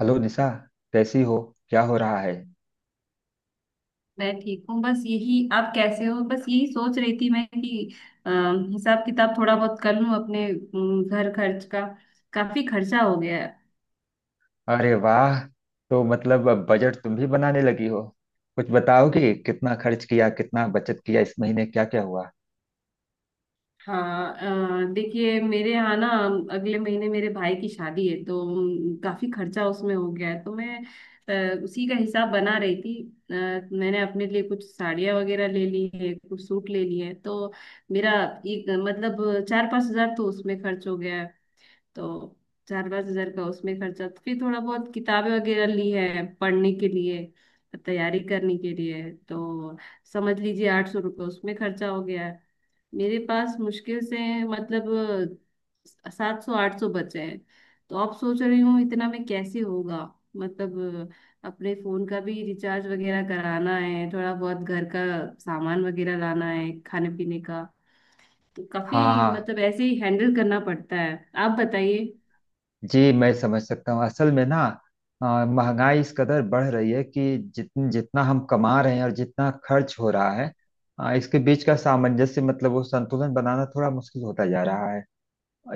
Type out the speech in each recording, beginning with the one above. Hello Nisha. कैसी हो? क्या हो रहा है? मैं ठीक हूँ। बस यही, आप कैसे हो? बस यही सोच रही थी मैं कि अ, हिसाब किताब थोड़ा बहुत कर लूँ अपने घर खर्च का। काफी खर्चा हो गया है। अरे वाह। तो मतलब अब बजट तुम भी बनाने लगी हो। कुछ बताओ कि कितना खर्च किया, कितना बचत किया, इस महीने क्या क्या हुआ। हाँ। देखिए मेरे यहाँ ना, अगले महीने मेरे भाई की शादी है तो काफी खर्चा उसमें हो गया है। तो मैं उसी का हिसाब बना रही थी। अ, मैंने अपने लिए कुछ साड़ियाँ वगैरह ले ली है, कुछ सूट ले लिए हैं, तो मेरा एक मतलब 4-5 हजार तो उसमें खर्च हो गया। तो 4-5 हजार का उसमें खर्चा। तो फिर थोड़ा बहुत किताबें वगैरह ली है पढ़ने के लिए, तैयारी करने के लिए। तो समझ लीजिए 800 रुपये उसमें खर्चा हो गया है। मेरे पास मुश्किल से मतलब 700-800 बचे हैं। तो अब सोच रही हूँ इतना में कैसे होगा। मतलब अपने फोन का भी रिचार्ज वगैरह कराना है, थोड़ा बहुत घर का सामान वगैरह लाना है खाने पीने का। तो काफी हाँ, हाँ मतलब ऐसे ही हैंडल करना पड़ता है। आप बताइए। जी, मैं समझ सकता हूँ। असल में ना, महंगाई इस कदर बढ़ रही है कि जितना हम कमा रहे हैं और जितना खर्च हो रहा है, इसके बीच का सामंजस्य मतलब वो संतुलन बनाना थोड़ा मुश्किल होता जा रहा है।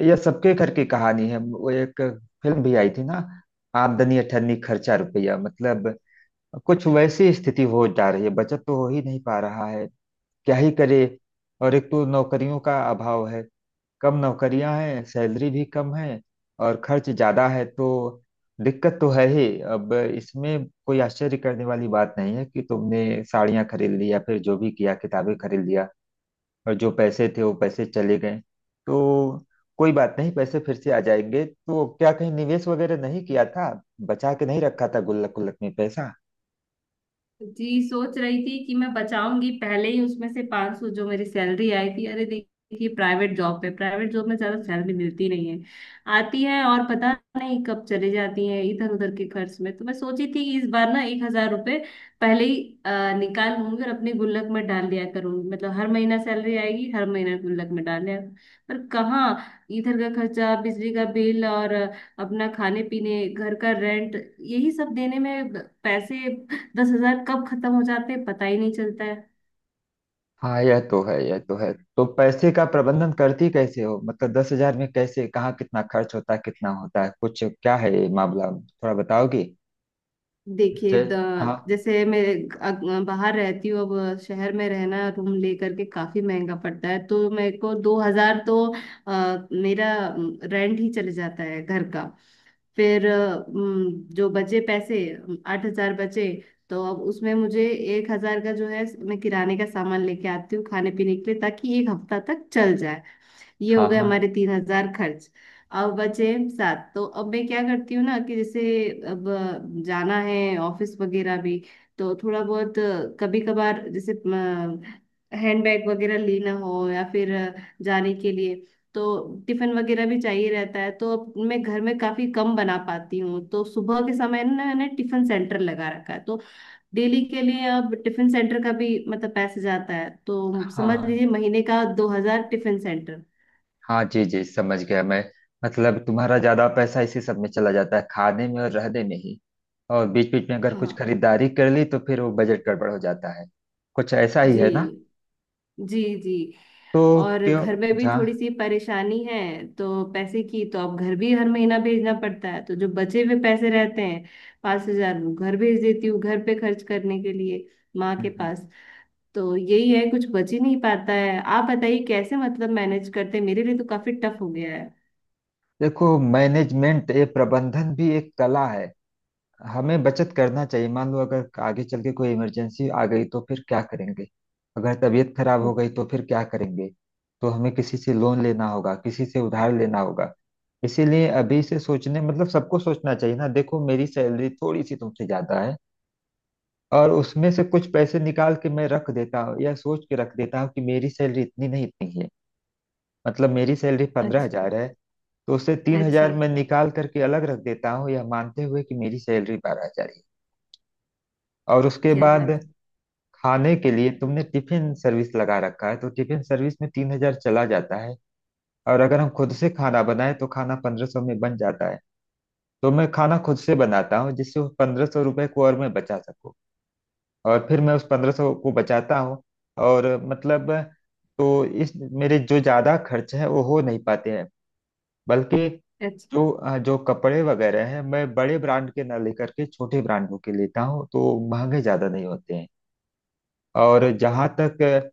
यह सबके घर की कहानी है। वो एक फिल्म भी आई थी ना, आमदनी अठन्नी खर्चा रुपया, मतलब कुछ वैसी स्थिति हो जा रही है। बचत तो हो ही नहीं पा रहा है। क्या ही करे। और एक तो नौकरियों का अभाव है, कम नौकरियां हैं, सैलरी भी कम है और खर्च ज्यादा है, तो दिक्कत तो है ही। अब इसमें कोई आश्चर्य करने वाली बात नहीं है कि तुमने साड़ियां खरीद ली या फिर जो भी किया, किताबें खरीद लिया और जो पैसे थे वो पैसे चले गए। तो कोई बात नहीं, पैसे फिर से आ जाएंगे। तो क्या कहीं निवेश वगैरह नहीं किया था? बचा के नहीं रखा था? गुल्लक गुल्लक में पैसा? जी। सोच रही थी कि मैं बचाऊंगी पहले ही उसमें से 500 जो मेरी सैलरी आई थी। अरे देखिए, प्राइवेट जॉब पे, प्राइवेट जॉब में ज्यादा सैलरी मिलती नहीं है। आती है और पता नहीं कब चली जाती है इधर उधर के खर्च में। तो मैं सोची थी कि इस बार ना 1,000 रुपये पहले ही निकाल लूंगी और अपने गुल्लक में डाल दिया करूंगी। मतलब हर महीना सैलरी आएगी, हर महीना गुल्लक में डाल दिया। पर कहाँ, इधर का खर्चा, बिजली का बिल, और अपना खाने पीने घर का रेंट, यही सब देने में पैसे 10,000 कब खत्म हो जाते हैं, पता ही नहीं चलता है। हाँ, यह तो है, यह तो है। तो पैसे का प्रबंधन करती कैसे हो? मतलब 10,000 में कैसे, कहाँ कितना खर्च होता है, कितना होता है, कुछ क्या है ये मामला, थोड़ा बताओगी? देखिए जय। हाँ। जैसे मैं बाहर रहती हूँ। अब शहर में रहना रूम लेकर के काफी महंगा पड़ता है, तो मेरे को 2,000 तो मेरा रेंट ही चले जाता है घर का। फिर जो बचे पैसे, 8,000 बचे। तो अब उसमें मुझे 1,000 का जो है मैं किराने का सामान लेके आती हूँ खाने पीने के लिए, ताकि एक हफ्ता तक चल जाए। ये हो हाँ, गए हाँ, हमारे 3,000 खर्च। अब बचे सात। तो अब मैं क्या करती हूँ ना, कि जैसे अब जाना है ऑफिस वगैरह भी, तो थोड़ा बहुत कभी कभार जैसे हैंडबैग वगैरह लेना हो या फिर जाने के लिए। तो टिफिन वगैरह भी चाहिए रहता है। तो अब मैं घर में काफी कम बना पाती हूँ, तो सुबह के समय ना मैंने टिफिन सेंटर लगा रखा है। तो डेली के लिए अब टिफिन सेंटर का भी मतलब पैसे जाता है। तो समझ हाँ। लीजिए महीने का 2,000 टिफिन सेंटर। हाँ जी जी, समझ गया मैं। मतलब तुम्हारा ज्यादा पैसा इसी सब में चला जाता है, खाने में और रहने में ही। और बीच बीच में अगर कुछ हाँ खरीदारी कर ली तो फिर वो बजट गड़बड़ हो जाता है। कुछ ऐसा ही जी। है ना? जी जी। तो और क्यों? घर में भी थोड़ी जहाँ। सी परेशानी है। तो पैसे की, तो अब घर भी हर महीना भेजना पड़ता है, तो जो बचे हुए पैसे रहते हैं 5,000 वो घर भेज देती हूँ घर पे खर्च करने के लिए, माँ हम्म, के हम्म। पास। तो यही है, कुछ बच ही नहीं पाता है। आप बताइए कैसे मतलब मैनेज करते हैं? मेरे लिए तो काफी टफ हो गया है। देखो, मैनेजमेंट, ये प्रबंधन भी एक कला है। हमें बचत करना चाहिए। मान लो अगर आगे चल के कोई इमरजेंसी आ गई तो फिर क्या करेंगे? अगर तबीयत खराब हो गई तो फिर क्या करेंगे? तो हमें किसी से लोन लेना होगा, किसी से उधार लेना होगा। इसीलिए अभी से सोचने मतलब सबको सोचना चाहिए ना। देखो, मेरी सैलरी थोड़ी सी तुमसे ज्यादा है और उसमें से कुछ पैसे निकाल के मैं रख देता हूँ या सोच के रख देता हूँ कि मेरी सैलरी इतनी नहीं इतनी है। मतलब मेरी सैलरी पंद्रह अच्छा। हजार है। तो उससे 3,000 अच्छा। मैं निकाल करके अलग रख देता हूँ, यह मानते हुए कि मेरी सैलरी 12,000 है। और उसके क्या बाद बात खाने के लिए तुमने टिफिन सर्विस लगा रखा है तो टिफिन सर्विस में 3,000 चला जाता है। और अगर हम खुद से खाना बनाए तो खाना 1,500 में बन जाता है। तो मैं खाना खुद से बनाता हूँ जिससे उस 1,500 रुपये को और मैं बचा सकूँ। और फिर मैं उस 1,500 को बचाता हूँ और मतलब, तो इस मेरे जो ज्यादा खर्च है वो हो नहीं पाते हैं। बल्कि है। अच्छा। जो कपड़े वगैरह हैं, मैं बड़े ब्रांड के ना लेकर के छोटे ब्रांडों के लेता हूँ, तो महंगे ज्यादा नहीं होते हैं। और जहाँ तक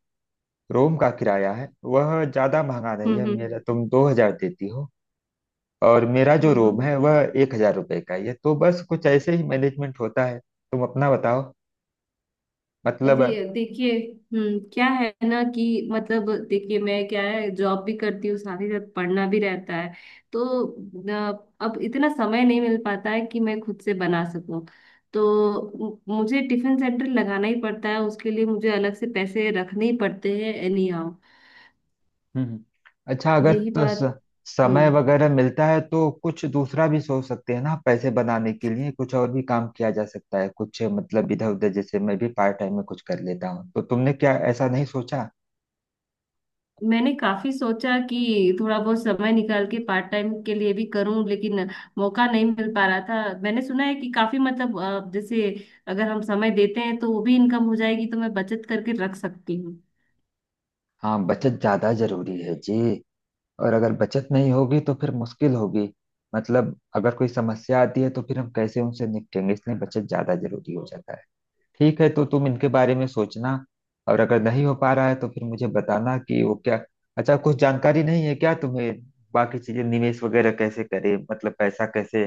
रूम का किराया है, वह ज़्यादा महंगा नहीं हम्म। है। हम्म। मेरा, तुम 2,000 देती हो और मेरा जो रूम हम्म। है वह 1,000 रुपये का ही है। तो बस कुछ ऐसे ही मैनेजमेंट होता है। तुम अपना बताओ, मतलब। अरे देखिए, हम्म, क्या है ना कि मतलब देखिए मैं, क्या है, जॉब भी करती हूँ साथ ही साथ पढ़ना भी रहता है। तो अब इतना समय नहीं मिल पाता है कि मैं खुद से बना सकूं। तो मुझे टिफिन सेंटर लगाना ही पड़ता है, उसके लिए मुझे अलग से पैसे रखने ही पड़ते हैं एनी हाउ। हम्म, अच्छा, अगर यही तो बात। समय हम्म। वगैरह मिलता है तो कुछ दूसरा भी सोच सकते हैं ना? पैसे बनाने के लिए कुछ और भी काम किया जा सकता है, कुछ मतलब इधर उधर। जैसे मैं भी पार्ट टाइम में कुछ कर लेता हूँ, तो तुमने क्या ऐसा नहीं सोचा? मैंने काफी सोचा कि थोड़ा बहुत समय निकाल के पार्ट टाइम के लिए भी करूं, लेकिन मौका नहीं मिल पा रहा था। मैंने सुना है कि काफी मतलब जैसे अगर हम समय देते हैं तो वो भी इनकम हो जाएगी, तो मैं बचत करके रख सकती हूँ। हाँ, बचत ज्यादा जरूरी है जी। और अगर बचत नहीं होगी तो फिर मुश्किल होगी। मतलब अगर कोई समस्या आती है तो फिर हम कैसे उनसे निपटेंगे? इसलिए बचत ज्यादा जरूरी हो जाता है। ठीक है, तो तुम इनके बारे में सोचना। और अगर नहीं हो पा रहा है तो फिर मुझे बताना कि वो क्या। अच्छा, कुछ जानकारी नहीं है क्या तुम्हें? बाकी चीजें, निवेश वगैरह कैसे करें, मतलब पैसा कैसे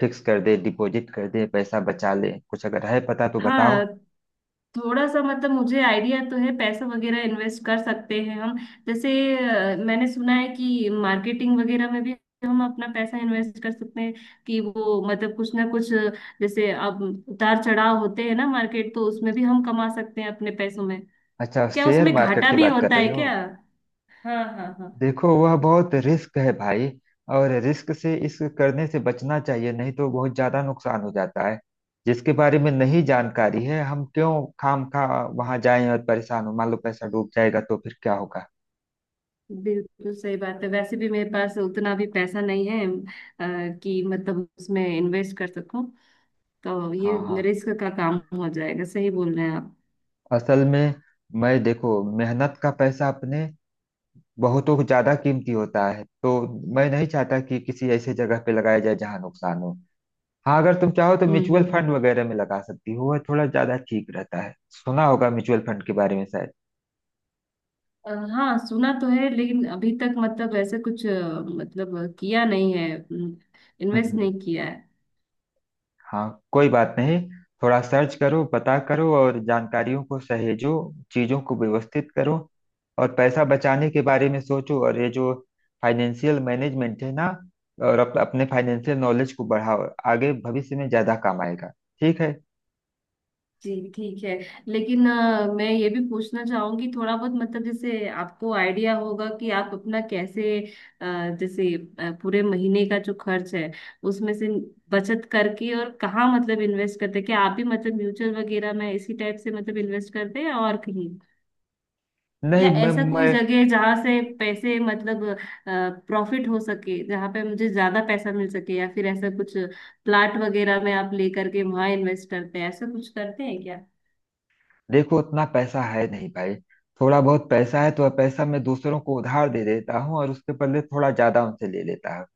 फिक्स कर दे, डिपॉजिट कर दे, पैसा बचा ले, कुछ अगर है पता तो बताओ। हाँ। थोड़ा सा मतलब मुझे आइडिया तो है, पैसा वगैरह इन्वेस्ट कर सकते हैं हम। जैसे मैंने सुना है कि मार्केटिंग वगैरह में भी हम अपना पैसा इन्वेस्ट कर सकते हैं, कि वो मतलब कुछ ना कुछ जैसे अब उतार चढ़ाव होते हैं ना मार्केट, तो उसमें भी हम कमा सकते हैं अपने पैसों में। अच्छा, क्या शेयर उसमें मार्केट घाटा की भी बात कर होता है रही हो? क्या? हाँ हाँ हाँ। देखो वह बहुत रिस्क है भाई। और रिस्क से इस करने से बचना चाहिए, नहीं तो बहुत ज्यादा नुकसान हो जाता है। जिसके बारे में नहीं जानकारी है, हम क्यों खाम खा वहां जाएं और परेशान हो? मान लो पैसा डूब जाएगा तो फिर क्या होगा? बिल्कुल सही बात है, वैसे भी मेरे पास उतना भी पैसा नहीं है कि मतलब उसमें इन्वेस्ट कर सकूं। तो ये हाँ, हाँ। रिस्क का काम हो जाएगा, सही बोल रहे हैं आप। असल में मैं, देखो, मेहनत का पैसा अपने बहुतों को ज्यादा कीमती होता है। तो मैं नहीं चाहता कि किसी ऐसे जगह पे लगाया जाए जहाँ नुकसान हो। हाँ, अगर तुम चाहो तो हम्म। म्यूचुअल हम्म। फंड वगैरह में लगा सकती हो, वह थोड़ा ज्यादा ठीक रहता है। सुना होगा म्यूचुअल फंड के बारे में शायद। अ, हाँ, सुना तो है, लेकिन अभी तक मतलब ऐसा कुछ मतलब किया नहीं है। इन्वेस्ट हम्म। नहीं किया है। हाँ, कोई बात नहीं। थोड़ा सर्च करो, पता करो और जानकारियों को सहेजो। चीजों को व्यवस्थित करो और पैसा बचाने के बारे में सोचो। और ये जो फाइनेंशियल मैनेजमेंट है ना, और अपने फाइनेंशियल नॉलेज को बढ़ाओ, आगे भविष्य में ज्यादा काम आएगा। ठीक है? जी ठीक है। लेकिन मैं ये भी पूछना चाहूंगी, थोड़ा बहुत मतलब जैसे आपको आइडिया होगा कि आप अपना कैसे जैसे पूरे महीने का जो खर्च है उसमें से बचत करके और कहाँ मतलब इन्वेस्ट करते हैं? क्या आप भी मतलब म्यूचुअल वगैरह में इसी टाइप से मतलब इन्वेस्ट करते हैं और कहीं? या नहीं, मैं ऐसा कोई मैं जगह है जहाँ से पैसे मतलब प्रॉफिट हो सके, जहाँ पे मुझे ज्यादा पैसा मिल सके? या फिर ऐसा कुछ प्लाट वगैरह में आप लेकर के वहां इन्वेस्ट करते हैं, ऐसा कुछ करते हैं क्या? देखो उतना पैसा है नहीं भाई। थोड़ा बहुत पैसा है तो वह पैसा मैं दूसरों को उधार दे देता हूँ और उसके बदले थोड़ा ज्यादा उनसे ले लेता हूँ।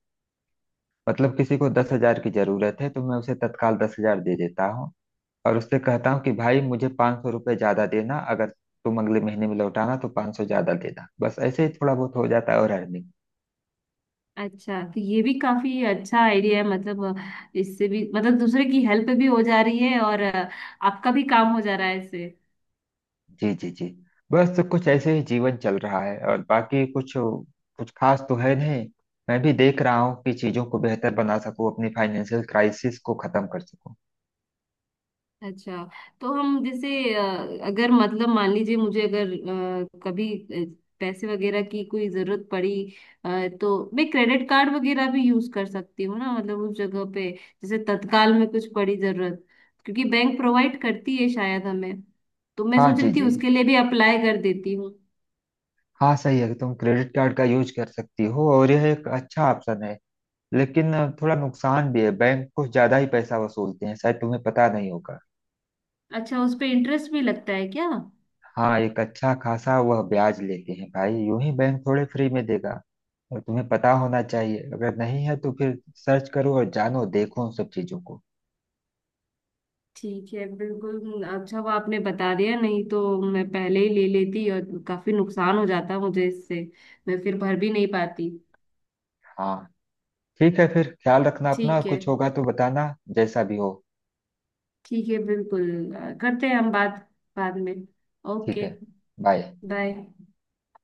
मतलब किसी को 10,000 की जरूरत है तो मैं उसे तत्काल 10,000 दे देता हूँ और उससे कहता हूँ कि भाई मुझे 500 रुपये ज्यादा देना। अगर तुम अगले महीने में लौटाना तो 500 ज्यादा देना। बस ऐसे ही थोड़ा बहुत हो जाता है और अर्निंग। अच्छा, तो ये भी काफी अच्छा आइडिया है। मतलब इससे भी मतलब दूसरे की हेल्प भी हो जा रही है और आपका भी काम हो जा रहा है इससे। जी, जी, जी। बस तो कुछ ऐसे ही जीवन चल रहा है और बाकी कुछ, कुछ खास तो है नहीं। मैं भी देख रहा हूँ कि चीजों को बेहतर बना सकूँ, अपनी फाइनेंशियल क्राइसिस को खत्म कर सकूँ। अच्छा, तो हम जैसे अगर मतलब मान लीजिए मुझे, अगर कभी पैसे वगैरह की कोई जरूरत पड़ी, अ, तो मैं क्रेडिट कार्ड वगैरह भी यूज कर सकती हूँ ना, मतलब उस जगह पे जैसे तत्काल में कुछ पड़ी जरूरत, क्योंकि बैंक प्रोवाइड करती है शायद हमें। तो मैं हाँ सोच जी रही थी जी। उसके लिए भी अप्लाई कर देती हूँ। हाँ सही है, तुम क्रेडिट कार्ड का यूज कर सकती हो और यह एक अच्छा ऑप्शन है। लेकिन थोड़ा नुकसान भी है, बैंक कुछ ज्यादा ही पैसा वसूलते हैं शायद, तुम्हें पता नहीं होगा। अच्छा, उस पे इंटरेस्ट भी लगता है क्या? हाँ, एक अच्छा खासा वह ब्याज लेते हैं भाई। यूं ही बैंक थोड़े फ्री में देगा। और तुम्हें पता होना चाहिए, अगर नहीं है तो फिर सर्च करो और जानो, देखो उन सब चीजों को। ठीक है, बिल्कुल। अच्छा, वो आपने बता दिया, नहीं तो मैं पहले ही ले लेती और काफी नुकसान हो जाता मुझे इससे। मैं फिर भर भी नहीं पाती। हाँ ठीक है, फिर ख्याल रखना अपना और ठीक है। कुछ होगा तो बताना, जैसा भी हो। ठीक है, बिल्कुल। करते हैं हम बात बाद में। ठीक ओके। है। बाय। बाय।